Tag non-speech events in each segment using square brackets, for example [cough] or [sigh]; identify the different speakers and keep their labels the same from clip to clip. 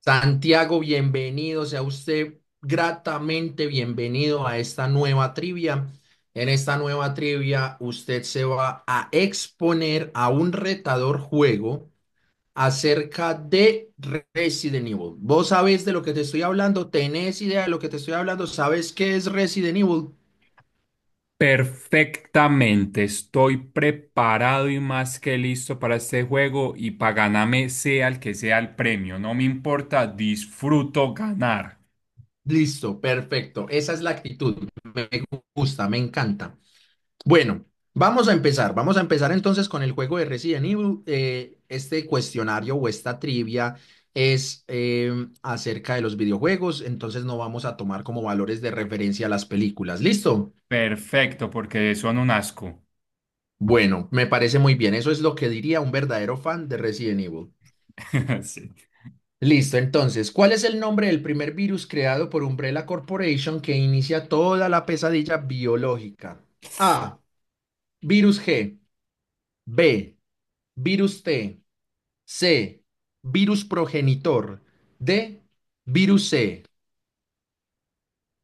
Speaker 1: Santiago, bienvenido, sea usted gratamente bienvenido a esta nueva trivia. En esta nueva trivia, usted se va a exponer a un retador juego acerca de Resident Evil. ¿Vos sabés de lo que te estoy hablando? ¿Tenés idea de lo que te estoy hablando? ¿Sabes qué es Resident Evil?
Speaker 2: Perfectamente, estoy preparado y más que listo para este juego y para ganarme sea el que sea el premio, no me importa, disfruto ganar.
Speaker 1: Listo, perfecto. Esa es la actitud. Me gusta, me encanta. Bueno, vamos a empezar. Vamos a empezar entonces con el juego de Resident Evil. Este cuestionario o esta trivia es acerca de los videojuegos, entonces no vamos a tomar como valores de referencia las películas. ¿Listo?
Speaker 2: Perfecto, porque son un asco.
Speaker 1: Bueno, me parece muy bien. Eso es lo que diría un verdadero fan de Resident Evil.
Speaker 2: [laughs] Sí.
Speaker 1: Listo, entonces, ¿cuál es el nombre del primer virus creado por Umbrella Corporation que inicia toda la pesadilla biológica? A. Virus G. B. Virus T. C. Virus progenitor. D. Virus C.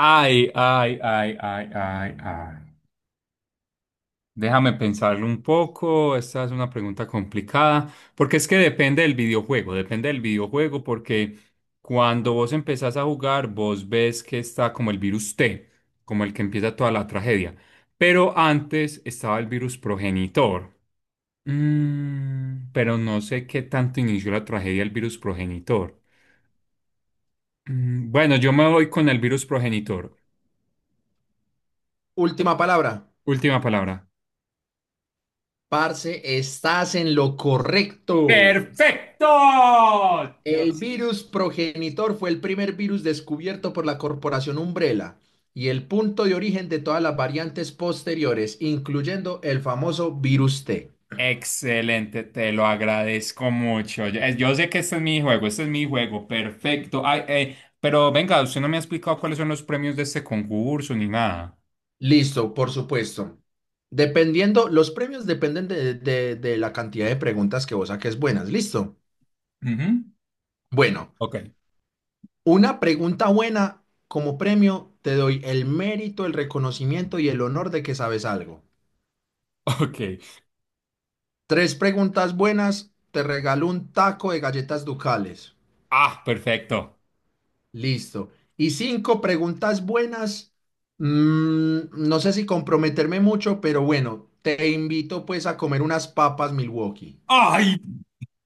Speaker 2: Ay, ay, ay, ay, ay, ay. Déjame pensarlo un poco, esta es una pregunta complicada, porque es que depende del videojuego, porque cuando vos empezás a jugar, vos ves que está como el virus T, como el que empieza toda la tragedia, pero antes estaba el virus progenitor. Mm, pero no sé qué tanto inició la tragedia el virus progenitor. Bueno, yo me voy con el virus progenitor.
Speaker 1: Última palabra.
Speaker 2: Última palabra.
Speaker 1: Parce, estás en lo correcto.
Speaker 2: ¡Perfecto!
Speaker 1: El
Speaker 2: Dios.
Speaker 1: virus progenitor fue el primer virus descubierto por la corporación Umbrella y el punto de origen de todas las variantes posteriores, incluyendo el famoso virus T.
Speaker 2: Excelente, te lo agradezco mucho. Yo sé que este es mi juego, este es mi juego, perfecto. Pero venga, usted no me ha explicado cuáles son los premios de este concurso ni nada.
Speaker 1: Listo, por supuesto. Dependiendo, los premios dependen de la cantidad de preguntas que vos saques buenas. Listo.
Speaker 2: Ujú.
Speaker 1: Bueno.
Speaker 2: Ok,
Speaker 1: Una pregunta buena como premio, te doy el mérito, el reconocimiento y el honor de que sabes algo.
Speaker 2: [laughs] ok.
Speaker 1: Tres preguntas buenas, te regalo un taco de galletas ducales.
Speaker 2: Ah, perfecto.
Speaker 1: Listo. Y cinco preguntas buenas, mm, no sé si comprometerme mucho, pero bueno, te invito pues a comer unas papas Milwaukee.
Speaker 2: ¡Ay!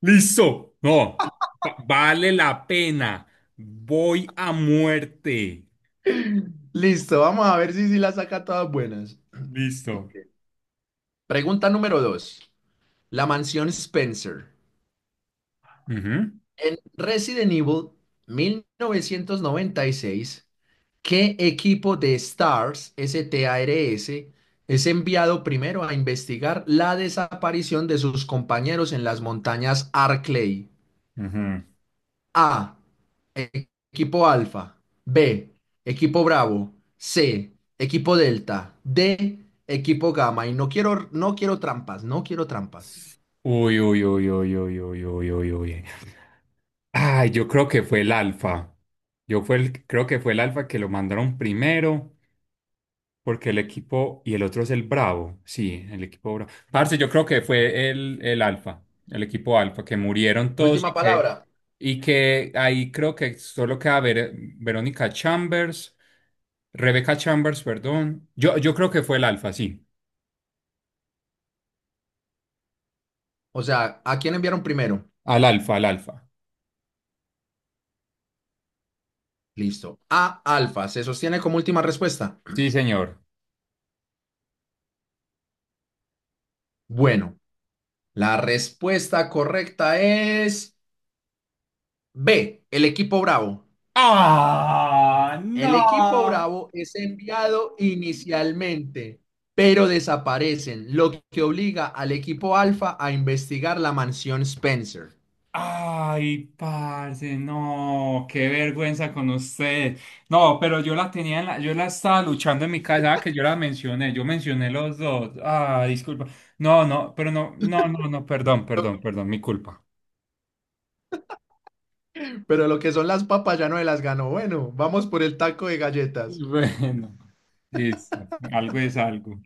Speaker 2: Listo. No, vale la pena. Voy a muerte.
Speaker 1: Listo, vamos a ver si las saca todas buenas.
Speaker 2: Listo.
Speaker 1: Pregunta número dos. La mansión Spencer.
Speaker 2: Ujú,
Speaker 1: En Resident Evil 1996, ¿qué equipo de STARS, S-T-A-R-S, es enviado primero a investigar la desaparición de sus compañeros en las montañas Arklay?
Speaker 2: ujú.
Speaker 1: A. e- Equipo Alfa. B. Equipo Bravo. C. Equipo Delta. D. Equipo Gamma. Y no quiero no quiero trampas.
Speaker 2: Uy, uy, uy, uy, uy, uy, uy, uy, uy. Ay, yo creo que fue el Alfa. Creo que fue el Alfa que lo mandaron primero, porque el equipo y el otro es el Bravo. Sí, el equipo Bravo. Parce, yo creo que fue el Alfa, el equipo Alfa, que murieron todos,
Speaker 1: Última palabra.
Speaker 2: y que ahí creo que solo queda Verónica Chambers, Rebecca Chambers, perdón. Yo creo que fue el Alfa, sí.
Speaker 1: O sea, ¿a quién enviaron primero?
Speaker 2: Al Alfa, al Alfa.
Speaker 1: Listo. A alfa, ¿se sostiene como última respuesta?
Speaker 2: Sí, señor.
Speaker 1: Bueno, la respuesta correcta es B, el equipo Bravo.
Speaker 2: ¡Ah!
Speaker 1: El equipo
Speaker 2: ¡No!
Speaker 1: Bravo es enviado inicialmente, pero desaparecen, lo que obliga al equipo Alfa a investigar la mansión Spencer.
Speaker 2: ¡Ay, parce! No, qué vergüenza con usted. No, pero yo la tenía en la, yo la estaba luchando en mi casa, ah, que yo la mencioné, yo mencioné los dos. Ah, disculpa. No, no, pero no, no, no, no, perdón, perdón, perdón, mi culpa.
Speaker 1: Pero lo que son las papas ya no me las ganó. Bueno, vamos por el taco de
Speaker 2: [laughs]
Speaker 1: galletas.
Speaker 2: Bueno, listo. Algo es algo.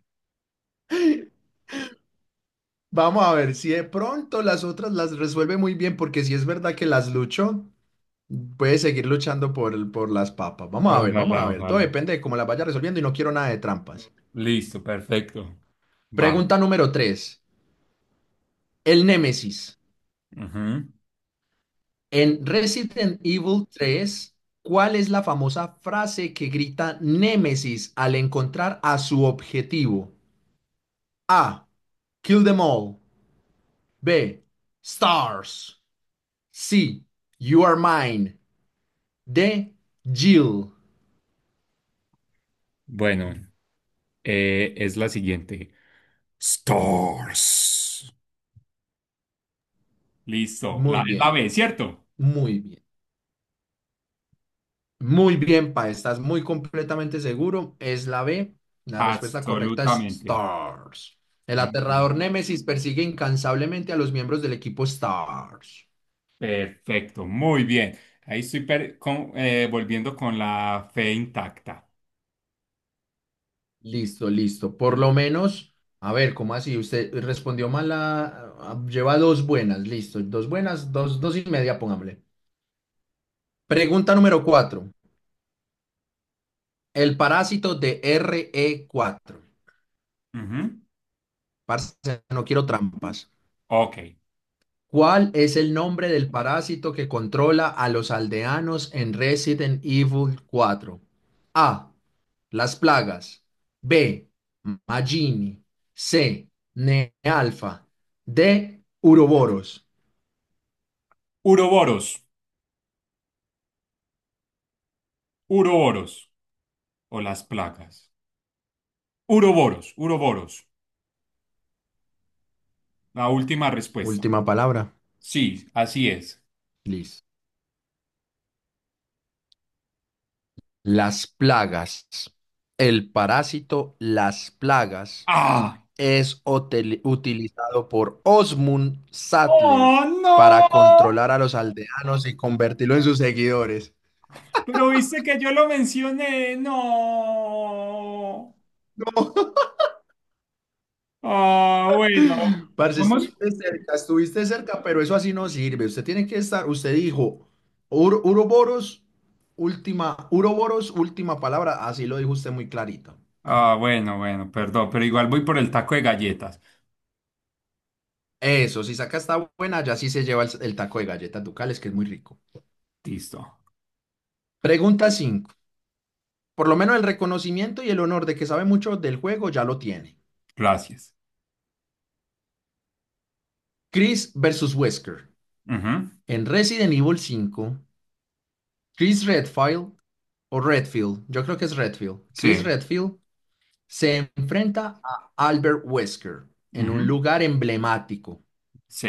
Speaker 1: Vamos a ver si de pronto las otras las resuelve muy bien, porque si es verdad que las luchó. Puedes seguir luchando por las papas. Vamos a ver, vamos a
Speaker 2: Ojalá,
Speaker 1: ver. Todo
Speaker 2: ojalá.
Speaker 1: depende de cómo las vaya resolviendo y no quiero nada de trampas.
Speaker 2: Listo, perfecto. Va.
Speaker 1: Pregunta número tres. El Némesis.
Speaker 2: Ujú.
Speaker 1: En Resident Evil 3, ¿cuál es la famosa frase que grita Némesis al encontrar a su objetivo? A. Kill them all. B. Stars. C. You are mine. D. Jill.
Speaker 2: Bueno, es la siguiente. Stars. Listo.
Speaker 1: Muy
Speaker 2: La, es la
Speaker 1: bien,
Speaker 2: B,
Speaker 1: pa.
Speaker 2: ¿cierto?
Speaker 1: Muy bien. Muy bien, Pa, estás muy completamente seguro. Es la B. La respuesta correcta es
Speaker 2: Absolutamente.
Speaker 1: Stars. El
Speaker 2: Muy bien.
Speaker 1: aterrador Némesis persigue incansablemente a los miembros del equipo Stars.
Speaker 2: Perfecto, muy bien. Ahí estoy volviendo con la fe intacta.
Speaker 1: Listo, listo. Por lo menos, a ver, ¿cómo así? Usted respondió mal. Lleva dos buenas, listo. Dos buenas, dos, dos y media, pongámosle. Pregunta número cuatro. El parásito de RE4.
Speaker 2: Ujú.
Speaker 1: Parce, no quiero trampas.
Speaker 2: Ok.
Speaker 1: ¿Cuál es el nombre del parásito que controla a los aldeanos en Resident Evil 4? A. Las plagas. B. Magini. C. Nealfa. D. Uroboros.
Speaker 2: Uroboros, uroboros o las plagas. Uroboros, uroboros. La última respuesta.
Speaker 1: Última palabra.
Speaker 2: Sí, así es.
Speaker 1: Liz. Las plagas. El parásito las plagas
Speaker 2: ¡Ah!
Speaker 1: es utilizado por Osmund Sattler
Speaker 2: ¡Oh,
Speaker 1: para
Speaker 2: no!
Speaker 1: controlar a los aldeanos y convertirlo en sus seguidores.
Speaker 2: Pero viste que yo lo mencioné. No.
Speaker 1: No,
Speaker 2: Ah, bueno.
Speaker 1: [laughs] parce,
Speaker 2: Vamos.
Speaker 1: estuviste cerca, pero eso así no sirve. Usted tiene que estar, usted dijo, "Ur- Uroboros, Uroboros, última palabra", así lo dijo usted muy clarito.
Speaker 2: Ah, bueno, bueno, perdón, pero igual voy por el taco de galletas.
Speaker 1: Eso, si saca esta buena, ya sí se lleva el taco de galletas ducales, que es muy rico.
Speaker 2: Listo,
Speaker 1: Pregunta 5. Por lo menos el reconocimiento y el honor de que sabe mucho del juego ya lo tiene.
Speaker 2: gracias.
Speaker 1: Chris versus Wesker.
Speaker 2: Ujú,
Speaker 1: En Resident Evil 5, Chris Redfield o Redfield, yo creo que es Redfield. Chris
Speaker 2: sí,
Speaker 1: Redfield se enfrenta a Albert Wesker en un
Speaker 2: ujú,
Speaker 1: lugar emblemático
Speaker 2: sí,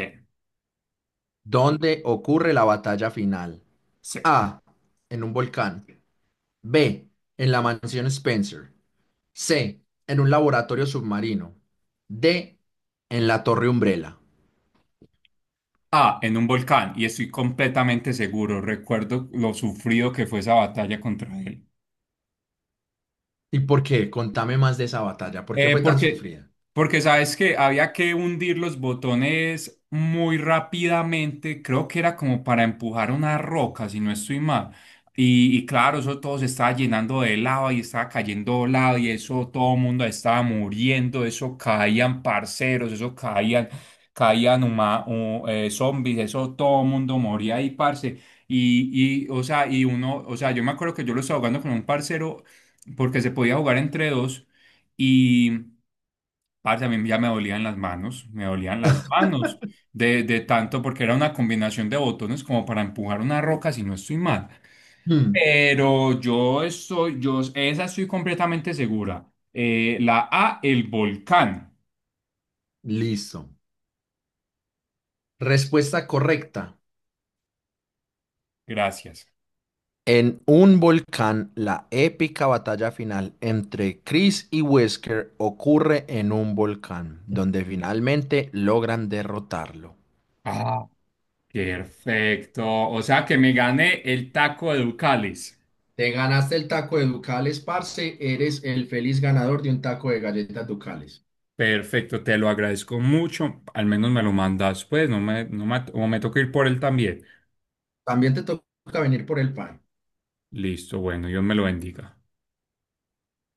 Speaker 1: donde ocurre la batalla final.
Speaker 2: sí.
Speaker 1: A. En un volcán. B. En la mansión Spencer. C. En un laboratorio submarino. D. En la torre Umbrella.
Speaker 2: Ah, en un volcán, y estoy completamente seguro. Recuerdo lo sufrido que fue esa batalla contra él.
Speaker 1: ¿Y por qué? Contame más de esa batalla. ¿Por qué
Speaker 2: Eh,
Speaker 1: fue tan
Speaker 2: porque,
Speaker 1: sufrida?
Speaker 2: Porque sabes que había que hundir los botones muy rápidamente, creo que era como para empujar una roca, si no estoy mal. Y claro, eso todo se estaba llenando de lava y estaba cayendo lava y eso todo el mundo estaba muriendo, eso caían parceros, eso caían, zombies, eso todo el mundo moría ahí, parce. O sea, y uno, o sea, yo me acuerdo que yo lo estaba jugando con un parcero porque se podía jugar entre dos. Y, parce, a mí ya me dolían las manos, me dolían las manos de tanto porque era una combinación de botones como para empujar una roca si no estoy mal.
Speaker 1: Hmm,
Speaker 2: Esa estoy completamente segura. La A, el volcán.
Speaker 1: listo. Respuesta correcta.
Speaker 2: Gracias.
Speaker 1: En un volcán, la épica batalla final entre Chris y Wesker ocurre en un volcán, donde finalmente logran derrotarlo.
Speaker 2: Ah, perfecto. O sea que me gané el taco de Ducales.
Speaker 1: Te ganaste el taco de Ducales, parce, eres el feliz ganador de un taco de galletas Ducales.
Speaker 2: Perfecto, te lo agradezco mucho. Al menos me lo mandas, pues, no me, no me, o me toca ir por él también.
Speaker 1: También te toca venir por el pan.
Speaker 2: Listo, bueno, Dios me lo bendiga.